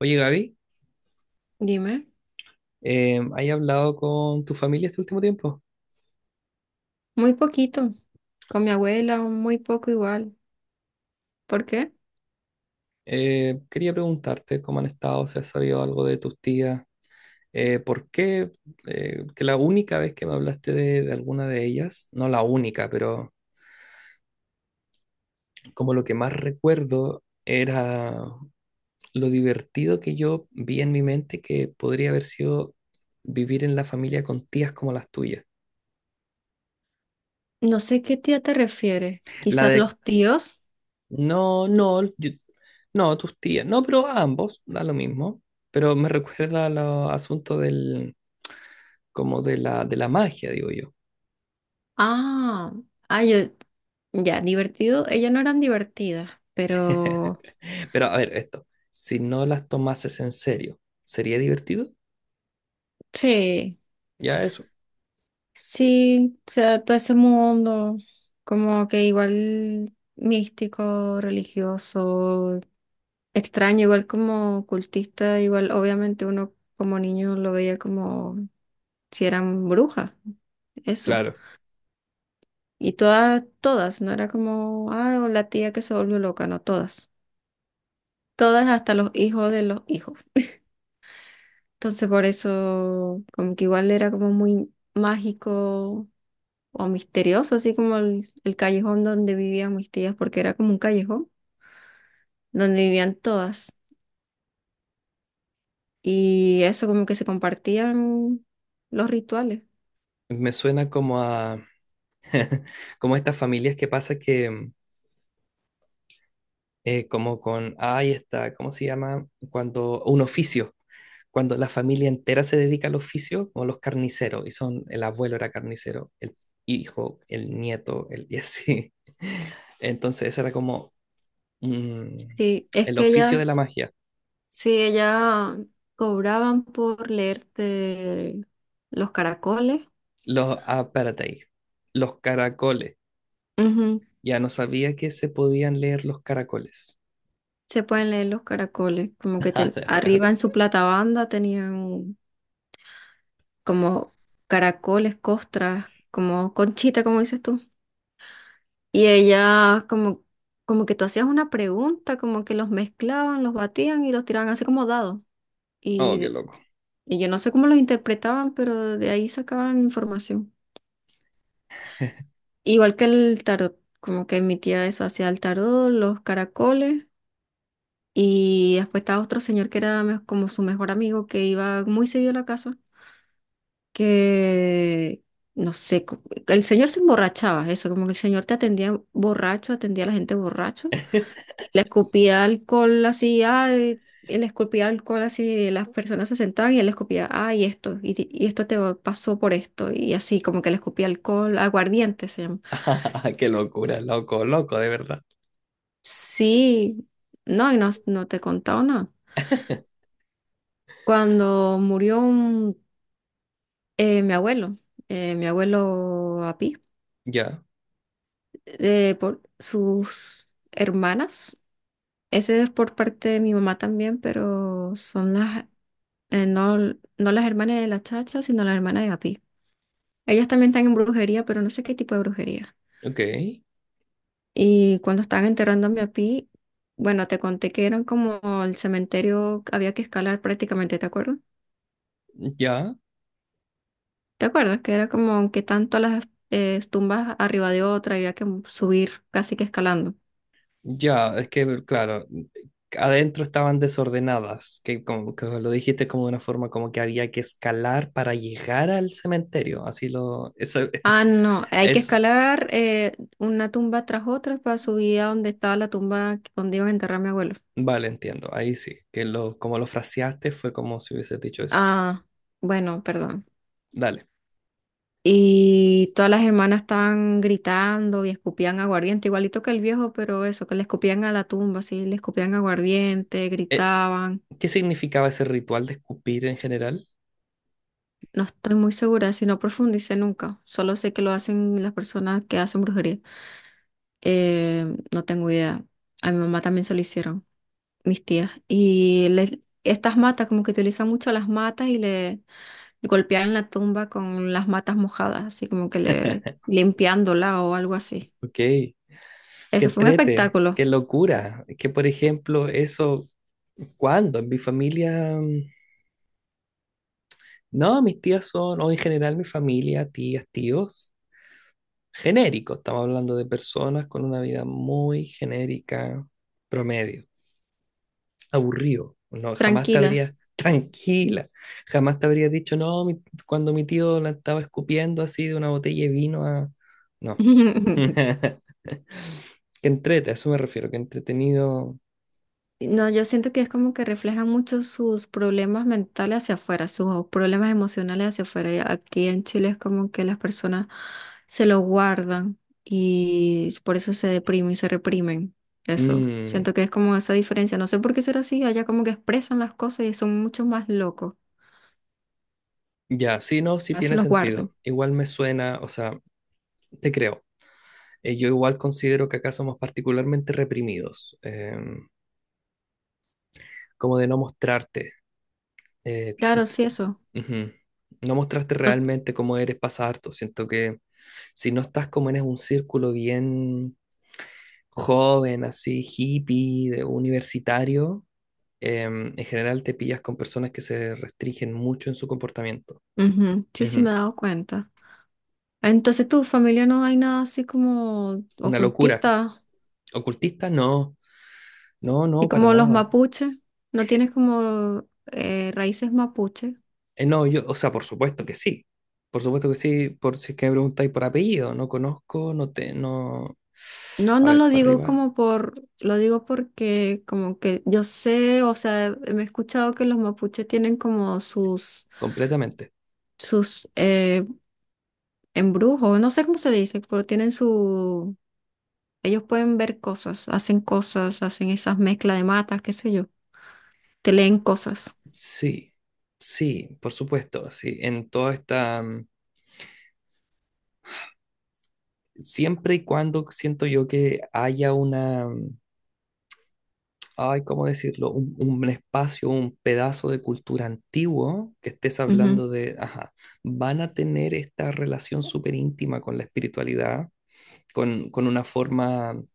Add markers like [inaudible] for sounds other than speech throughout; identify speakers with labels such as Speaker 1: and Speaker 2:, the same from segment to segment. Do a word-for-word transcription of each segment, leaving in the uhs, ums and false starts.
Speaker 1: Oye, Gaby,
Speaker 2: Dime,
Speaker 1: eh, ¿has hablado con tu familia este último tiempo?
Speaker 2: muy poquito. Con mi abuela, un muy poco igual. ¿Por qué?
Speaker 1: Eh, quería preguntarte cómo han estado, si has sabido algo de tus tías, eh, por qué eh, que la única vez que me hablaste de, de alguna de ellas, no la única, pero como lo que más recuerdo era lo divertido que yo vi en mi mente que podría haber sido vivir en la familia con tías como las tuyas.
Speaker 2: No sé qué tía te refieres.
Speaker 1: La
Speaker 2: Quizás
Speaker 1: de.
Speaker 2: los tíos.
Speaker 1: No, no, yo- no, tus tías. No, pero ambos, da lo mismo. Pero me recuerda al asunto del, como de la, de la magia, digo yo.
Speaker 2: Ah, ah, yo, ya, divertido. Ellas no eran divertidas, pero
Speaker 1: [laughs] Pero a ver, esto. Si no las tomases en serio, ¿sería divertido?
Speaker 2: sí,
Speaker 1: Ya eso.
Speaker 2: sí, o sea, todo ese mundo, como que igual místico, religioso, extraño, igual como cultista, igual obviamente uno como niño lo veía como si eran brujas, eso.
Speaker 1: Claro.
Speaker 2: Y todas, todas, no era como, ah, o la tía que se volvió loca, no, todas. Todas hasta los hijos de los hijos. Entonces por eso, como que igual era como muy mágico o misterioso, así como el, el callejón donde vivían mis tías, porque era como un callejón donde vivían todas. Y eso como que se compartían los rituales.
Speaker 1: Me suena como a, [laughs] como a estas familias que pasa que, mm, eh, como con, ay, está, ¿cómo se llama? Cuando, un oficio. Cuando la familia entera se dedica al oficio, como los carniceros, y son, el abuelo era carnicero, el hijo, el nieto, el, y así. [laughs] Entonces, ese era como mm,
Speaker 2: Sí, es
Speaker 1: el
Speaker 2: que
Speaker 1: oficio de la
Speaker 2: ellas,
Speaker 1: magia.
Speaker 2: sí, ellas cobraban por leerte los caracoles.
Speaker 1: Los, ah, espérate ahí, los caracoles.
Speaker 2: Ujú.
Speaker 1: Ya no sabía que se podían leer los caracoles. [laughs]
Speaker 2: Se pueden leer los caracoles, como que
Speaker 1: Ah,
Speaker 2: ten-
Speaker 1: de huevo.
Speaker 2: arriba en su platabanda tenían como caracoles, costras, como conchita, como dices tú. Y ella como, como que tú hacías una pregunta, como que los mezclaban, los batían y los tiraban así como dados.
Speaker 1: Oh, qué
Speaker 2: Y,
Speaker 1: loco.
Speaker 2: y yo no sé cómo los interpretaban, pero de ahí sacaban información. Igual que el tarot, como que mi tía eso hacía el tarot, los caracoles. Y después estaba otro señor que era me- como su mejor amigo que iba muy seguido a la casa. Que, no sé, co- el señor se emborrachaba, eso, como que el señor te atendía borracho, atendía a la gente borracho, y le escupía alcohol así, ay, y le escupía alcohol así, y las personas se sentaban y él le escupía, ay, esto, y, y esto te va- pasó por esto, y así, como que le escupía alcohol, aguardiente se llama.
Speaker 1: [laughs] Qué locura, loco, loco, de verdad.
Speaker 2: Sí, no, y no, no te he contado nada. Cuando murió un- eh, mi abuelo, eh, mi abuelo Api,
Speaker 1: Ya,
Speaker 2: eh, por sus hermanas. Ese es por parte de mi mamá también, pero son las, eh, no, no las hermanas de la chacha, sino las hermanas de Api. Ellas también están en brujería, pero no sé qué tipo de brujería.
Speaker 1: ok,
Speaker 2: Y cuando estaban enterrando a mi Api, bueno, te conté que eran como el cementerio, que había que escalar prácticamente, ¿te acuerdas?
Speaker 1: ya.
Speaker 2: ¿Te acuerdas? Que era como que tanto las eh, tumbas arriba de otra, había que subir casi que escalando.
Speaker 1: Ya, es que, claro, adentro estaban desordenadas, que como que lo dijiste como de una forma como que había que escalar para llegar al cementerio, así lo, eso.
Speaker 2: Ah, no,
Speaker 1: [laughs]
Speaker 2: hay que
Speaker 1: Es,
Speaker 2: escalar eh, una tumba tras otra para subir a donde estaba la tumba donde iban a enterrar a mi abuelo.
Speaker 1: vale, entiendo, ahí sí, que lo, como lo fraseaste fue como si hubieses dicho eso.
Speaker 2: Ah, bueno, perdón.
Speaker 1: Dale.
Speaker 2: Y todas las hermanas estaban gritando y escupían aguardiente, igualito que el viejo, pero eso, que le escupían a la tumba, sí, le escupían aguardiente,
Speaker 1: Eh,
Speaker 2: gritaban.
Speaker 1: ¿qué significaba ese ritual de escupir en general?
Speaker 2: No estoy muy segura, si no profundicé nunca. Solo sé que lo hacen las personas que hacen brujería. Eh, no tengo idea. A mi mamá también se lo hicieron, mis tías. Y les, estas matas, como que utilizan mucho las matas y le golpean la tumba con las matas mojadas, así como que le limpiándola o algo así.
Speaker 1: Ok, qué
Speaker 2: Eso fue un
Speaker 1: entrete,
Speaker 2: espectáculo.
Speaker 1: qué locura, que por ejemplo eso, ¿cuándo? En mi familia, mm, no, mis tías son, o en general mi familia, tías, tíos. Genérico. Estamos hablando de personas con una vida muy genérica, promedio, aburrido. No, jamás te
Speaker 2: Tranquilas.
Speaker 1: habrías, tranquila, jamás te habrías dicho, no, mi- cuando mi tío la estaba escupiendo así de una botella de vino a... No.
Speaker 2: [laughs]
Speaker 1: [laughs] Que entrete, a eso me refiero, que entretenido.
Speaker 2: No, yo siento que es como que reflejan mucho sus problemas mentales hacia afuera, sus problemas emocionales hacia afuera. Y aquí en Chile es como que las personas se lo guardan y por eso se deprimen y se reprimen. Eso,
Speaker 1: Mm,
Speaker 2: siento que es como esa diferencia. No sé por qué será así, allá como que expresan las cosas y son mucho más locos.
Speaker 1: ya, sí, no, sí
Speaker 2: Ya se
Speaker 1: tiene
Speaker 2: los guardan.
Speaker 1: sentido. Igual me suena, o sea, te creo. Eh, yo igual considero que acá somos particularmente reprimidos, em, como de no mostrarte. Eh.
Speaker 2: Claro, sí, eso.
Speaker 1: Ujú. No mostraste
Speaker 2: Nos-
Speaker 1: realmente cómo eres pasa harto. Siento que si no estás como en un círculo bien joven, así hippie, de universitario, em, en general te pillas con personas que se restringen mucho en su comportamiento.
Speaker 2: Ujú, sí, sí
Speaker 1: Ujú.
Speaker 2: me he dado cuenta. Entonces, ¿tu familia no hay nada así como
Speaker 1: Una locura.
Speaker 2: ocultista?
Speaker 1: ¿Ocultista? No, no,
Speaker 2: ¿Y
Speaker 1: no, para
Speaker 2: como los
Speaker 1: nada.
Speaker 2: mapuches? ¿No tienes como eh, raíces mapuche?
Speaker 1: Eh, no, yo, o sea, por supuesto que sí. Por supuesto que sí, por si es que me preguntáis por apellido, no conozco, no te, no.
Speaker 2: No,
Speaker 1: A
Speaker 2: no
Speaker 1: ver,
Speaker 2: lo
Speaker 1: para
Speaker 2: digo
Speaker 1: arriba,
Speaker 2: como por, lo digo porque como que yo sé, o sea, me he escuchado que los mapuches tienen como sus,
Speaker 1: completamente.
Speaker 2: sus eh, embrujos, no sé cómo se dice, pero tienen su, ellos pueden ver cosas, hacen cosas, hacen esas mezclas de matas, qué sé yo, te leen cosas.
Speaker 1: Sí, sí, por supuesto, sí, en toda esta, mm, siempre y cuando siento yo que haya una, mm, ay, ¿cómo decirlo? Un, un espacio, un pedazo de cultura antiguo que estés
Speaker 2: Ujú.
Speaker 1: hablando de, ajá, van a tener esta relación súper íntima con la espiritualidad, con, con una forma mm,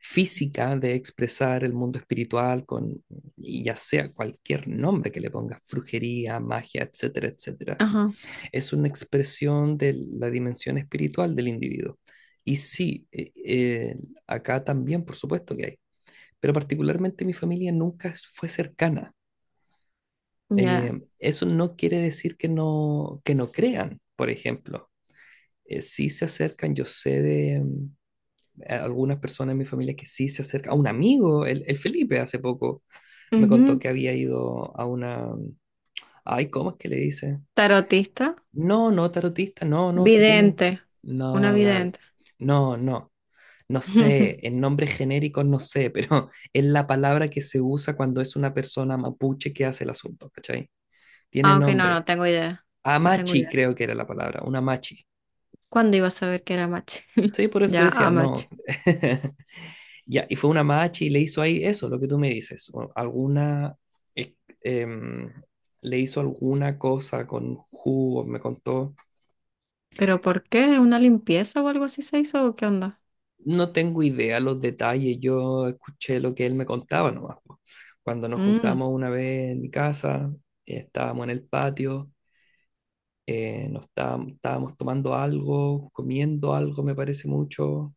Speaker 1: física de expresar el mundo espiritual, con, y ya sea cualquier nombre que le pongas, brujería, magia, etcétera, etcétera,
Speaker 2: Ajá,
Speaker 1: es una expresión de la dimensión espiritual del individuo. Y sí, eh, eh, acá también, por supuesto que hay, pero particularmente mi familia nunca fue cercana. Eh,
Speaker 2: ya.
Speaker 1: eso no quiere decir que no, que no crean, por ejemplo. Eh, sí se acercan, yo sé de mm, algunas personas en mi familia que sí se acercan. A un amigo, el, el Felipe, hace poco me contó
Speaker 2: Ujú.
Speaker 1: que había ido a una... mm, ay, ¿cómo es que le dice?
Speaker 2: Tarotista,
Speaker 1: No, no, tarotista, no, no, si tienen.
Speaker 2: vidente, una
Speaker 1: No, Gaby,
Speaker 2: vidente.
Speaker 1: no, no. No sé, en
Speaker 2: [laughs]
Speaker 1: nombres genéricos no sé, pero [laughs] es la palabra que se usa cuando es una persona mapuche que hace el asunto, ¿cachai? Tiene
Speaker 2: Aunque no, no
Speaker 1: nombre.
Speaker 2: tengo idea. No tengo
Speaker 1: Amachi,
Speaker 2: idea.
Speaker 1: creo que era la palabra, una machi.
Speaker 2: ¿Cuándo iba a saber que era mache? [laughs]
Speaker 1: Sí, por eso te
Speaker 2: Ya,
Speaker 1: decía,
Speaker 2: a
Speaker 1: no.
Speaker 2: mache.
Speaker 1: [laughs] Ya, y fue una machi y le hizo ahí eso, lo que tú me dices. O alguna. eh, em, Le hizo alguna cosa con jugo, me contó.
Speaker 2: ¿Pero por qué? ¿Una limpieza o algo así se hizo o qué onda?
Speaker 1: No tengo idea los detalles, yo escuché lo que él me contaba nomás. Po. Cuando nos
Speaker 2: Mm,
Speaker 1: juntamos una vez en mi casa, eh, estábamos en el patio, eh, nos estábamos, estábamos tomando algo, comiendo algo, me parece mucho,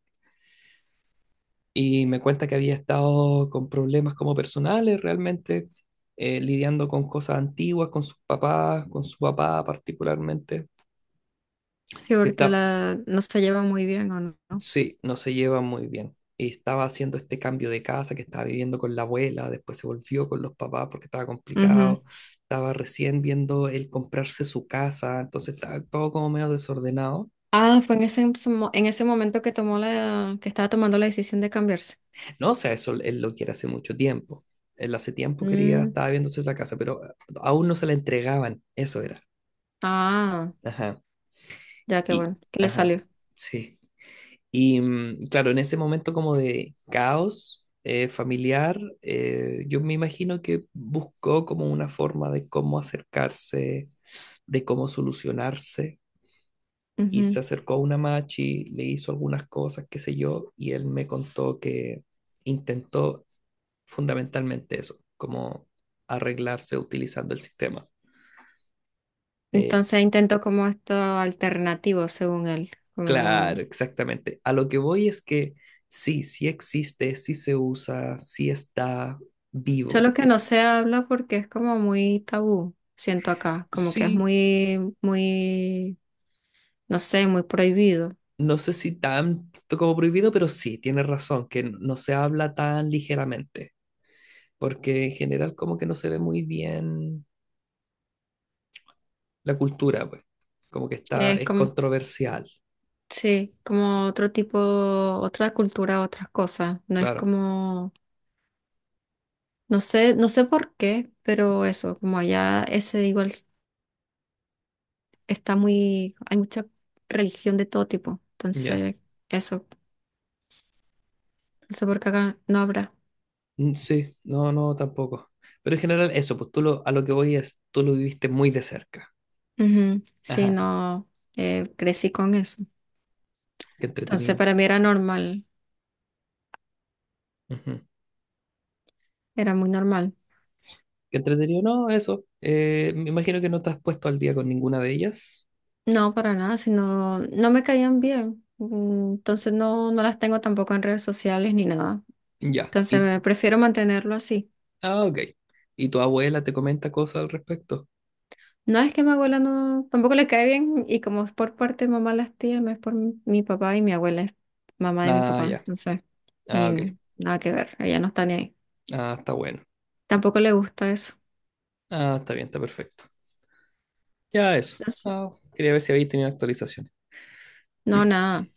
Speaker 1: y me cuenta que había estado con problemas como personales, realmente, eh, lidiando con cosas antiguas, con sus papás, con su papá particularmente,
Speaker 2: sí,
Speaker 1: que
Speaker 2: porque
Speaker 1: está.
Speaker 2: la no se lleva muy bien o no.
Speaker 1: Sí, no se llevan muy bien. Y estaba haciendo este cambio de casa, que estaba viviendo con la abuela, después se volvió con los papás porque estaba
Speaker 2: Ujú.
Speaker 1: complicado. Estaba recién viendo él comprarse su casa, entonces estaba todo como medio desordenado.
Speaker 2: Ah, fue en ese, mo- en ese momento que tomó la, que estaba tomando la decisión de cambiarse.
Speaker 1: No, o sea, eso él lo quiere hace mucho tiempo. Él hace tiempo quería,
Speaker 2: Mm,
Speaker 1: estaba viéndose la casa, pero aún no se la entregaban, eso era.
Speaker 2: ah,
Speaker 1: Ajá.
Speaker 2: ya que
Speaker 1: Y,
Speaker 2: bueno, que le
Speaker 1: ajá,
Speaker 2: salió.
Speaker 1: sí. Y mm, claro, en ese momento como de caos eh, familiar, eh, yo me imagino que buscó como una forma de cómo acercarse, de cómo solucionarse. Y se
Speaker 2: Ujú.
Speaker 1: acercó a una machi, le hizo algunas cosas, qué sé yo, y él me contó que intentó fundamentalmente eso, como arreglarse utilizando el sistema. Eh,
Speaker 2: Entonces intentó como esto alternativo, según él. Como
Speaker 1: claro, exactamente. A lo que voy es que sí, sí existe, sí se usa, sí está vivo.
Speaker 2: solo que no se habla porque es como muy tabú, siento acá, como que es
Speaker 1: Sí,
Speaker 2: muy, muy, no sé, muy prohibido.
Speaker 1: no sé si tanto como prohibido, pero sí, tienes razón, que n- no se habla tan ligeramente, porque en general como que no se ve muy bien la cultura, pues, como que está,
Speaker 2: Es
Speaker 1: es
Speaker 2: como,
Speaker 1: controversial,
Speaker 2: sí, como otro tipo, otra cultura, otras cosas. No es
Speaker 1: claro,
Speaker 2: como, no sé, no sé por qué, pero eso, como allá ese igual s- está muy, hay mucha religión de todo tipo.
Speaker 1: ya.
Speaker 2: Entonces, eso, no sé por qué acá no habrá.
Speaker 1: Mm, sí, no, no, tampoco. Pero en general eso, pues tú lo, a lo que voy es, tú lo viviste muy de cerca.
Speaker 2: Ujú, sí,
Speaker 1: Ajá,
Speaker 2: no, eh, crecí con eso.
Speaker 1: qué
Speaker 2: Entonces,
Speaker 1: entretenido.
Speaker 2: para mí era normal,
Speaker 1: Ujú.
Speaker 2: era muy normal.
Speaker 1: Qué entretenido, no, eso. Eh, me imagino que no te has puesto al día con ninguna de ellas.
Speaker 2: No, para nada, sino no me caían bien. Mm, entonces no, no las tengo tampoco en redes sociales ni nada.
Speaker 1: Ya.
Speaker 2: Entonces
Speaker 1: ¿Y
Speaker 2: eh, prefiero mantenerlo así.
Speaker 1: ah, ok. ¿Y tu abuela te comenta cosas al respecto?
Speaker 2: No es que mi abuela no, tampoco le cae bien y como es por parte de mamá las tías, no es por mi, mi papá y mi abuela es mamá de mi
Speaker 1: Ah,
Speaker 2: papá.
Speaker 1: ya.
Speaker 2: Entonces,
Speaker 1: Ah, ok.
Speaker 2: ni nada que ver, ella no está ni ahí.
Speaker 1: Ah, está bueno.
Speaker 2: Tampoco le gusta eso.
Speaker 1: Ah, está bien, está perfecto. Ya eso.
Speaker 2: Entonces,
Speaker 1: Ah, quería ver si habéis tenido actualizaciones.
Speaker 2: no,
Speaker 1: [clears throat]
Speaker 2: nada,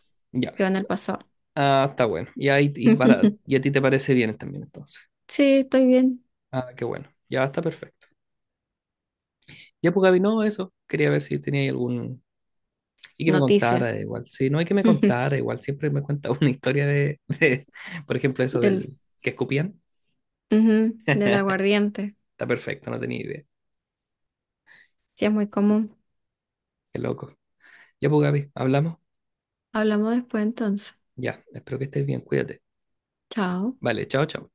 Speaker 1: Ya.
Speaker 2: quedó en el pasado.
Speaker 1: Ah, está bueno. Y ahí y para y a
Speaker 2: [laughs]
Speaker 1: ti te parece bien también entonces.
Speaker 2: Sí, estoy bien.
Speaker 1: Ah, qué bueno. Ya está perfecto. Ya pues Gaby, no, eso. Quería ver si tenía algún y que me
Speaker 2: Noticias.
Speaker 1: contara igual. Sí, no hay que me contara
Speaker 2: [laughs]
Speaker 1: igual. Siempre me cuenta [laughs] una historia de, de- por ejemplo, eso
Speaker 2: Del,
Speaker 1: del que escupían.
Speaker 2: ujú, del
Speaker 1: [laughs]
Speaker 2: aguardiente.
Speaker 1: Está perfecto, no tenía idea.
Speaker 2: Sí, es muy común.
Speaker 1: Qué loco. Ya pues Gaby, hablamos.
Speaker 2: Hablamos después entonces.
Speaker 1: Ya, espero que estés bien, cuídate.
Speaker 2: Chao.
Speaker 1: Vale, chao, chao.